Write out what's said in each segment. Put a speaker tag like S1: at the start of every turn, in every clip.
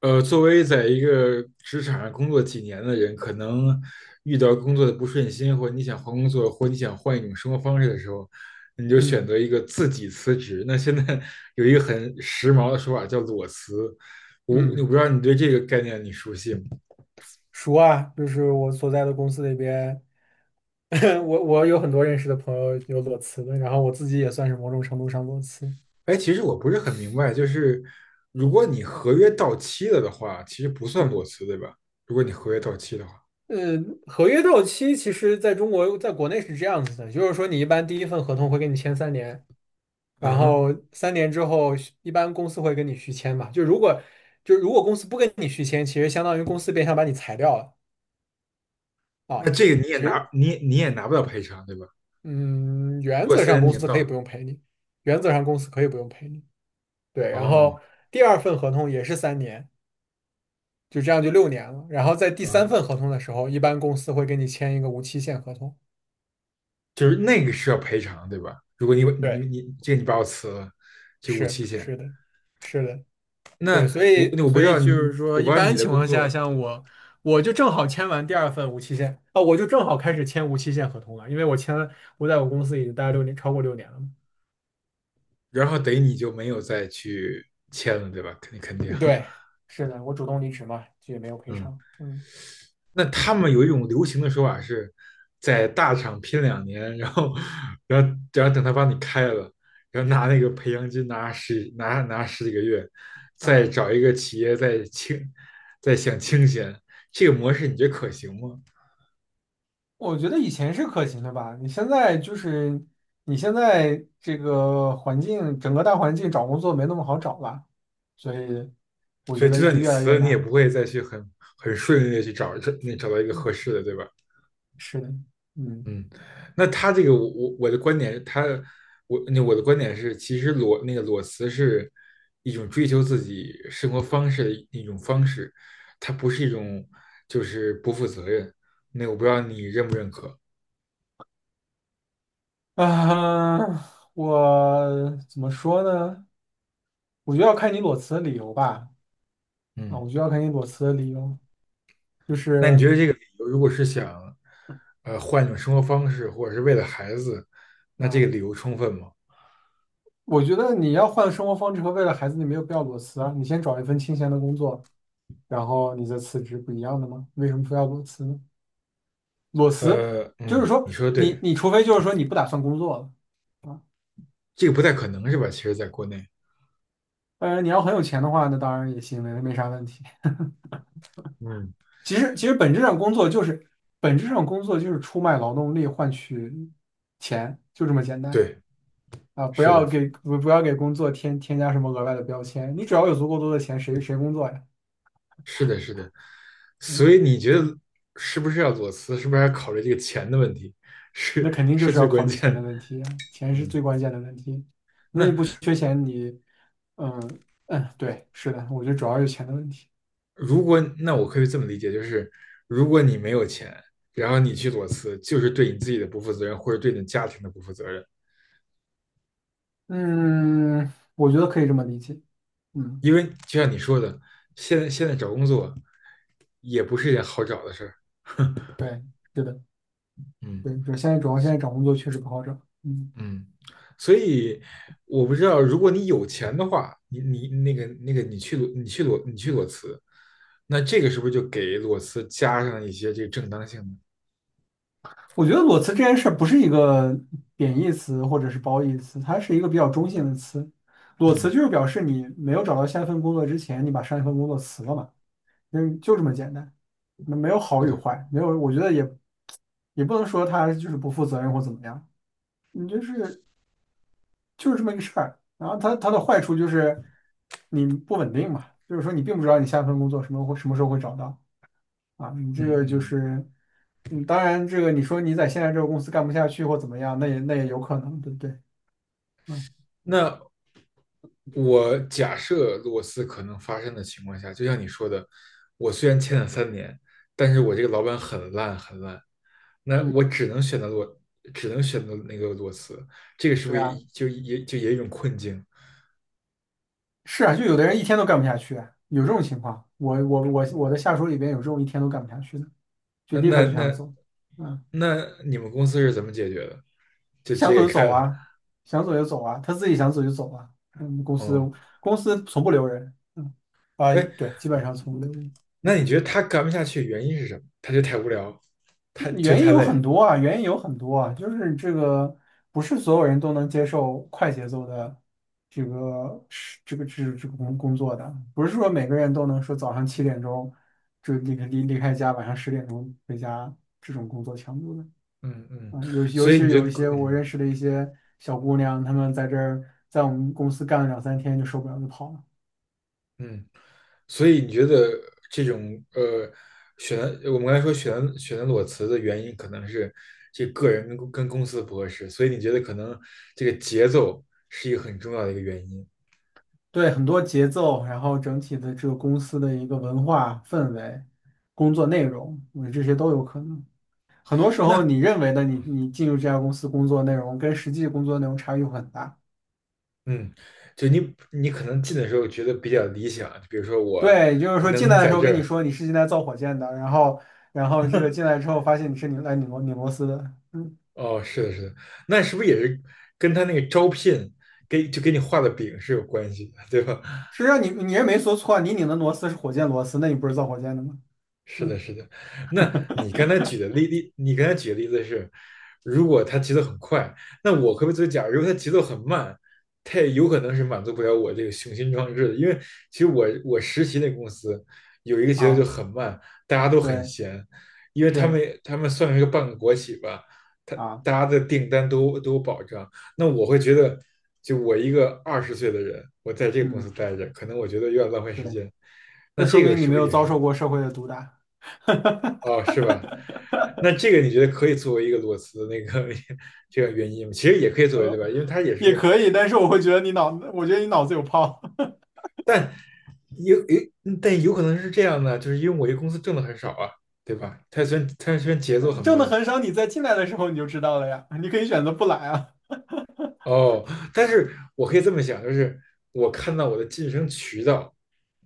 S1: 作为在一个职场上工作几年的人，可能遇到工作的不顺心，或者你想换工作，或者你想换一种生活方式的时候，你就选择
S2: 嗯
S1: 一个自己辞职。那现在 有一个很时髦的说法叫裸辞，我
S2: 嗯，
S1: 不知道你对这个概念你熟悉吗？
S2: 熟啊，就是我所在的公司里边，我有很多认识的朋友有裸辞的，然后我自己也算是某种程度上裸辞。
S1: 哎，其实我不是很明白，就是如果你合约到期了的话，其实不算
S2: 嗯，
S1: 裸辞，对吧？如果你合约到期的话，
S2: 呃，合约到期其实在中国，在国内是这样子的，就是说你一般第一份合同会跟你签三年，
S1: 嗯
S2: 然后
S1: 哼。
S2: 三年之后一般公司会跟你续签嘛，就如果公司不跟你续签，其实相当于公司变相把你裁掉了
S1: 那
S2: 啊。
S1: 这个你也
S2: 其
S1: 拿
S2: 实，
S1: 你也你也拿不到赔偿，对吧？
S2: 嗯，
S1: 如
S2: 原
S1: 果
S2: 则
S1: 三
S2: 上
S1: 年已
S2: 公
S1: 经
S2: 司
S1: 到
S2: 可以不
S1: 了。
S2: 用赔你，原则上公司可以不用赔你。对，然
S1: 哦。
S2: 后第二份合同也是三年，就这样就六年了。然后在第三
S1: 嗯，
S2: 份合同的时候，一般公司会跟你签一个无期限合同。
S1: 就是那个是要赔偿，对吧？如果你你
S2: 对，
S1: 你这个你把我辞了，就无
S2: 是
S1: 期限。
S2: 是的，是的，对，所
S1: 那我
S2: 以
S1: 那我不
S2: 所
S1: 知
S2: 以
S1: 道
S2: 就是
S1: 你，
S2: 说，
S1: 我不
S2: 一
S1: 知道你
S2: 般
S1: 的
S2: 情
S1: 工
S2: 况下，
S1: 作。
S2: 像我，我就正好签完第二份无期限啊，我就正好开始签无期限合同了，因为我签了，我在我公司已经待了六年，超过六年了嘛。
S1: 然后等于你就没有再去签了，对吧？肯定，肯定。
S2: 对，是的，我主动离职嘛，就也没有赔
S1: 嗯。
S2: 偿。嗯
S1: 那他们有一种流行的说法是，在大厂拼2年，然后等他把你开了，然后拿那个培养金拿十几个月，再
S2: 嗯。
S1: 找一个企业再享清闲，这个模式你觉得可行吗？
S2: 我觉得以前是可行的吧，你现在这个环境，整个大环境找工作没那么好找了，所以我
S1: 所
S2: 觉
S1: 以就
S2: 得
S1: 算
S2: 就
S1: 你
S2: 越来
S1: 辞
S2: 越
S1: 了，你也不
S2: 难。
S1: 会再去很顺利的去找找到一个
S2: 嗯，
S1: 合适的，对吧？
S2: 是的，嗯
S1: 嗯。那他这个我的观点，他我那我的观点是，其实那个裸辞是一种追求自己生活方式的一种方式，它不是一种就是不负责任。那我不知道你认不认可？
S2: 啊，我怎么说呢？我觉得要看你裸辞的理由吧。
S1: 嗯。
S2: 我觉得要看你裸辞的理由，就
S1: 那你
S2: 是
S1: 觉得这个理由如果是想换一种生活方式，或者是为了孩子，那这个
S2: 啊，
S1: 理由充分吗？
S2: 我觉得你要换生活方式和为了孩子，你没有必要裸辞啊。你先找一份清闲的工作，然后你再辞职，不一样的吗？为什么非要裸辞呢？裸辞就是
S1: 嗯，
S2: 说
S1: 你说的
S2: 你
S1: 对。
S2: 你除非就是说你不打算工作了，
S1: 这个不太可能是吧？其实在国内。
S2: 当然你要很有钱的话，那当然也行，没啥问题。
S1: 嗯，
S2: 其实本质上工作就是本质上工作就是出卖劳动力换取钱，就这么简单
S1: 对，
S2: 啊！
S1: 是的，
S2: 不要给工作添加什么额外的标签，你只要有足够多的钱，谁工作呀？
S1: 是的，是的。
S2: 嗯，
S1: 所以你觉得是不是要裸辞？是不是还要考虑这个钱的问题？
S2: 那
S1: 是
S2: 肯定就
S1: 是
S2: 是
S1: 最
S2: 要考
S1: 关
S2: 虑
S1: 键
S2: 钱的
S1: 的。
S2: 问题呀，钱是
S1: 嗯。
S2: 最关键的问题。如果你
S1: 那
S2: 不缺钱，你，嗯嗯，对，是的，我觉得主要是钱的问题。
S1: 如果那我可以这么理解，就是如果你没有钱，然后你去裸辞，就是对你自己的不负责任，或者对你家庭的不负责任。
S2: 嗯，我觉得可以这么理解。嗯，
S1: 因为就像你说的，现在找工作也不是一件好找的事儿。
S2: 对，是的，
S1: 嗯。
S2: 对，对，现在找工作确实不好找。嗯，
S1: 嗯。所以我不知道，如果你有钱的话，你你那个那个你去裸你去裸你去裸辞，那这个是不是就给裸辞加上一些这个正当性呢？
S2: 我觉得裸辞这件事儿不是一个贬义词或者是褒义词，它是一个比较中性的词。裸辞
S1: 嗯，
S2: 就是表示你没有找到下一份工作之前，你把上一份工作辞了嘛，嗯，就这么简单。那没有
S1: 是
S2: 好与
S1: 的，
S2: 坏，没有，我觉得也不能说他就是不负责任或怎么样。你就是这么一个事儿。然后它的坏处就是你不稳定嘛，就是说你并不知道你下一份工作什么时候会找到啊。你
S1: 嗯
S2: 这个就
S1: 嗯。
S2: 是，嗯，当然这个你说你在现在这个公司干不下去或怎么样，那也有可能，对不对？嗯
S1: 那我假设裸辞可能发生的情况下，就像你说的，我虽然签了三年，但是我这个老板很烂很烂，那
S2: 嗯，
S1: 我只能选择裸，只能选择那个裸辞，这个是不
S2: 对
S1: 是
S2: 啊，
S1: 也有一种困境？
S2: 是啊，就有的人一天都干不下去啊有这种情况。我的下属里边有这种一天都干不下去的，就
S1: 那
S2: 立
S1: 那
S2: 刻就想
S1: 那
S2: 走。嗯。
S1: 那你们公司是怎么解决的？就直
S2: 想走
S1: 接
S2: 就
S1: 给开
S2: 走
S1: 了？
S2: 啊，想走就走啊，他自己想走就走啊。嗯，公司
S1: 哦。
S2: 公司从不留人，
S1: 哎，
S2: 对，基本上从不留人。
S1: 那
S2: 嗯，
S1: 你觉得他干不下去原因是什么？他觉得太无聊，他觉得
S2: 原因
S1: 太
S2: 有很
S1: 累。
S2: 多啊，原因有很多啊，就是这个不是所有人都能接受快节奏的这个工作的，不是说每个人都能说早上7点钟就离开家，晚上10点钟回家这种工作强度的。
S1: 嗯嗯。
S2: 尤
S1: 所
S2: 其
S1: 以你
S2: 是
S1: 觉
S2: 有
S1: 得，
S2: 一些我
S1: 嗯
S2: 认识的一些小姑娘，她们在这儿，在我们公司干了两三天就受不了就跑了。
S1: 嗯，所以你觉得这种呃选我们刚才说选择裸辞的原因可能是这个人跟公司不合适，所以你觉得可能这个节奏是一个很重要的一个原因。
S2: 对，很多节奏，然后整体的这个公司的一个文化氛围、工作内容，我觉得这些都有可能。很多时候，
S1: 那。
S2: 你认为的你进入这家公司工作内容，跟实际工作内容差异会很大。
S1: 嗯，就你可能进的时候觉得比较理想，就比如说我
S2: 对，就是说进
S1: 能
S2: 来的
S1: 在
S2: 时候
S1: 这
S2: 跟你
S1: 儿。
S2: 说你是进来造火箭的，然后这个进来之后发现你是拧螺丝的，嗯，
S1: 哦，是的，是的。那是不是也是跟他那个招聘给你画的饼是有关系的，对吧？
S2: 实际上你也没说错，你拧的螺丝是火箭螺丝，那你不是造火箭的吗？
S1: 是的，
S2: 嗯，
S1: 是的。那你刚才举 的例例，你刚才举的例子是，如果他节奏很快，那我可不可以作为假如他节奏很慢，他也有可能是满足不了我这个雄心壮志的。因为其实我实习那公司有一个节奏就
S2: 啊，
S1: 很慢，大家都很
S2: 对，
S1: 闲，因为他
S2: 是
S1: 们他们算是个半个国企吧，他
S2: 啊，
S1: 大家的订单都有保障。那我会觉得，就我一个20岁的人，我在这个公司
S2: 嗯，
S1: 待着，可能我觉得有点浪费时
S2: 对，
S1: 间。那
S2: 那说
S1: 这个
S2: 明你
S1: 是
S2: 没
S1: 不是
S2: 有
S1: 也
S2: 遭
S1: 是。
S2: 受过社会的毒打。
S1: 哦，是吧？那这个你觉得可以作为一个裸辞的那个 这个原因吗？其实也可以作为，对
S2: 呃，
S1: 吧？因为它也
S2: 也
S1: 是，
S2: 可以，但是我会觉得我觉得你脑子有泡。
S1: 但有有，但有可能是这样的，就是因为我这公司挣的很少啊，对吧？它虽然节奏很
S2: 挣的
S1: 慢。
S2: 很少，你在进来的时候你就知道了呀，你可以选择不来啊。
S1: 哦，但是我可以这么想，就是我看到我的晋升渠道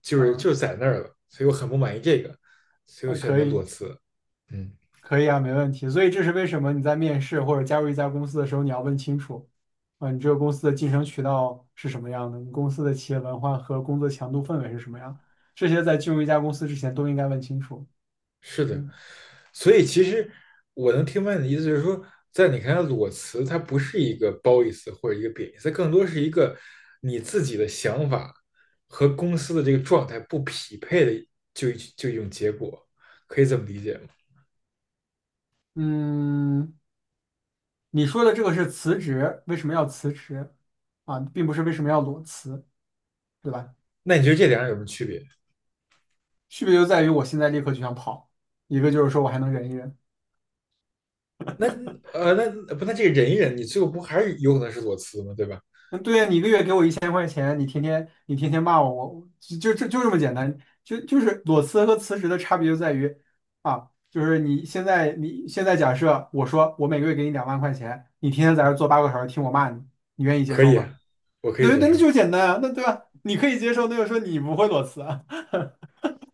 S1: 就是
S2: 啊
S1: 就是在那儿了，所以我很不满意这个，所以我
S2: 啊，
S1: 选
S2: 可
S1: 择裸
S2: 以，
S1: 辞。嗯，
S2: 可以啊，没问题。所以这是为什么你在面试或者加入一家公司的时候，你要问清楚啊，你这个公司的晋升渠道是什么样的，你公司的企业文化和工作强度氛围是什么样，这些在进入一家公司之前都应该问清楚。
S1: 是的。
S2: 嗯
S1: 所以其实我能听明白你的意思，就是说，在你看来，裸辞它不是一个褒义词或者一个贬义词，它更多是一个你自己的想法和公司的这个状态不匹配的，就就一种结果，可以这么理解吗？
S2: 嗯，你说的这个是辞职，为什么要辞职啊？并不是为什么要裸辞，对吧？
S1: 那你觉得这两者有什么区别？
S2: 区别就在于我现在立刻就想跑，一个就是说我还能忍一忍。
S1: 那呃，那不，那这个忍一忍，你最后不还是有可能是裸辞吗？对吧？
S2: 嗯，对呀，你一个月给我1000块钱，你天天骂我，我就这么简单，就是裸辞和辞职的差别就在于啊，就是你现在假设我说我每个月给你2万块钱，你天天在这儿坐8个小时听我骂你，你愿意接
S1: 可
S2: 受
S1: 以
S2: 吗？
S1: 啊，我可以
S2: 对，
S1: 接
S2: 那
S1: 受。
S2: 就简单啊，那对吧？你可以接受，那就说你不会裸辞啊。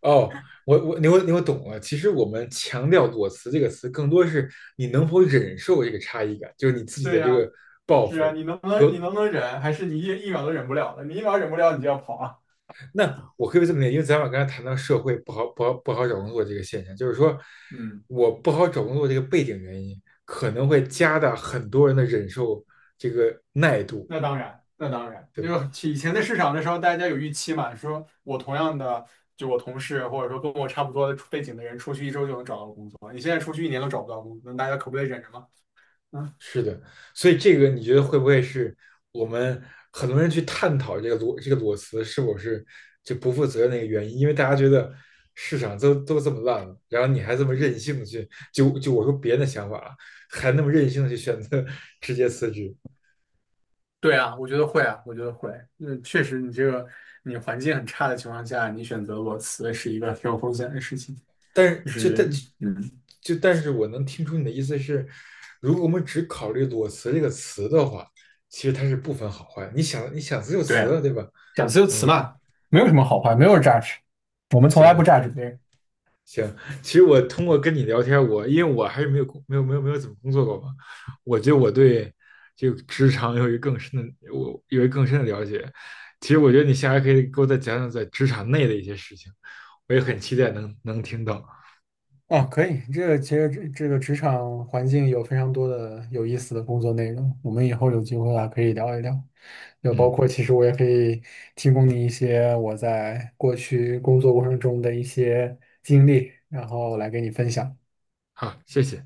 S1: 哦，我懂了。其实我们强调"裸辞"这个词，更多是你能否忍受这个差异感，就是你自己
S2: 对
S1: 的这
S2: 呀，
S1: 个抱
S2: 是啊，
S1: 负
S2: 你能不能
S1: 和。
S2: 你能不能忍？还是你一秒都忍不了了？你一秒忍不了，你就要跑啊？
S1: 那我可以这么理解，因为咱俩刚才谈到社会不好找工作这个现象，就是说
S2: 嗯，
S1: 我不好找工作这个背景原因，可能会加大很多人的忍受这个耐度，
S2: 那当然，那当然，
S1: 对吧？
S2: 就以前的市场的时候，大家有预期嘛，说我同样的，就我同事或者说跟我差不多的背景的人，出去一周就能找到工作，你现在出去一年都找不到工作，那大家可不得忍着吗？嗯
S1: 是的。所以这个你觉得会不会是我们很多人去探讨这个裸辞是否是就不负责任的一个原因？因为大家觉得市场都这么烂了，然后你还这么任
S2: 嗯，
S1: 性的去我说别人的想法啊，还那么任性的去选择直接辞职。
S2: 对啊，我觉得会啊，我觉得会。嗯，确实，你这个你环境很差的情况下，你选择裸辞是一个挺有风险的事情，
S1: 但是
S2: 就
S1: 就
S2: 是
S1: 但
S2: 嗯。
S1: 就但是我能听出你的意思是，如果我们只考虑裸辞这个词的话，其实它是不分好坏。你想辞就辞
S2: 对，
S1: 啊对吧？
S2: 讲词由词
S1: 嗯。
S2: 嘛。没有什么好坏，没有 judge，我们从
S1: 行
S2: 来不
S1: 了。
S2: judge 别人。
S1: 行。其实我通过跟你聊天，我因为我还是没有工没有没有没有怎么工作过嘛，我觉得我对这个职场有一个更深的我有一个更深的了解。其实我觉得你下来可以给我再讲讲在职场内的一些事情，我也很期待能听到。
S2: 哦，可以，这个其实这个职场环境有非常多的有意思的工作内容，我们以后有机会啊可以聊一聊。就包
S1: 嗯，
S2: 括其实我也可以提供你一些我在过去工作过程中的一些经历，然后来给你分享。
S1: 好，谢谢。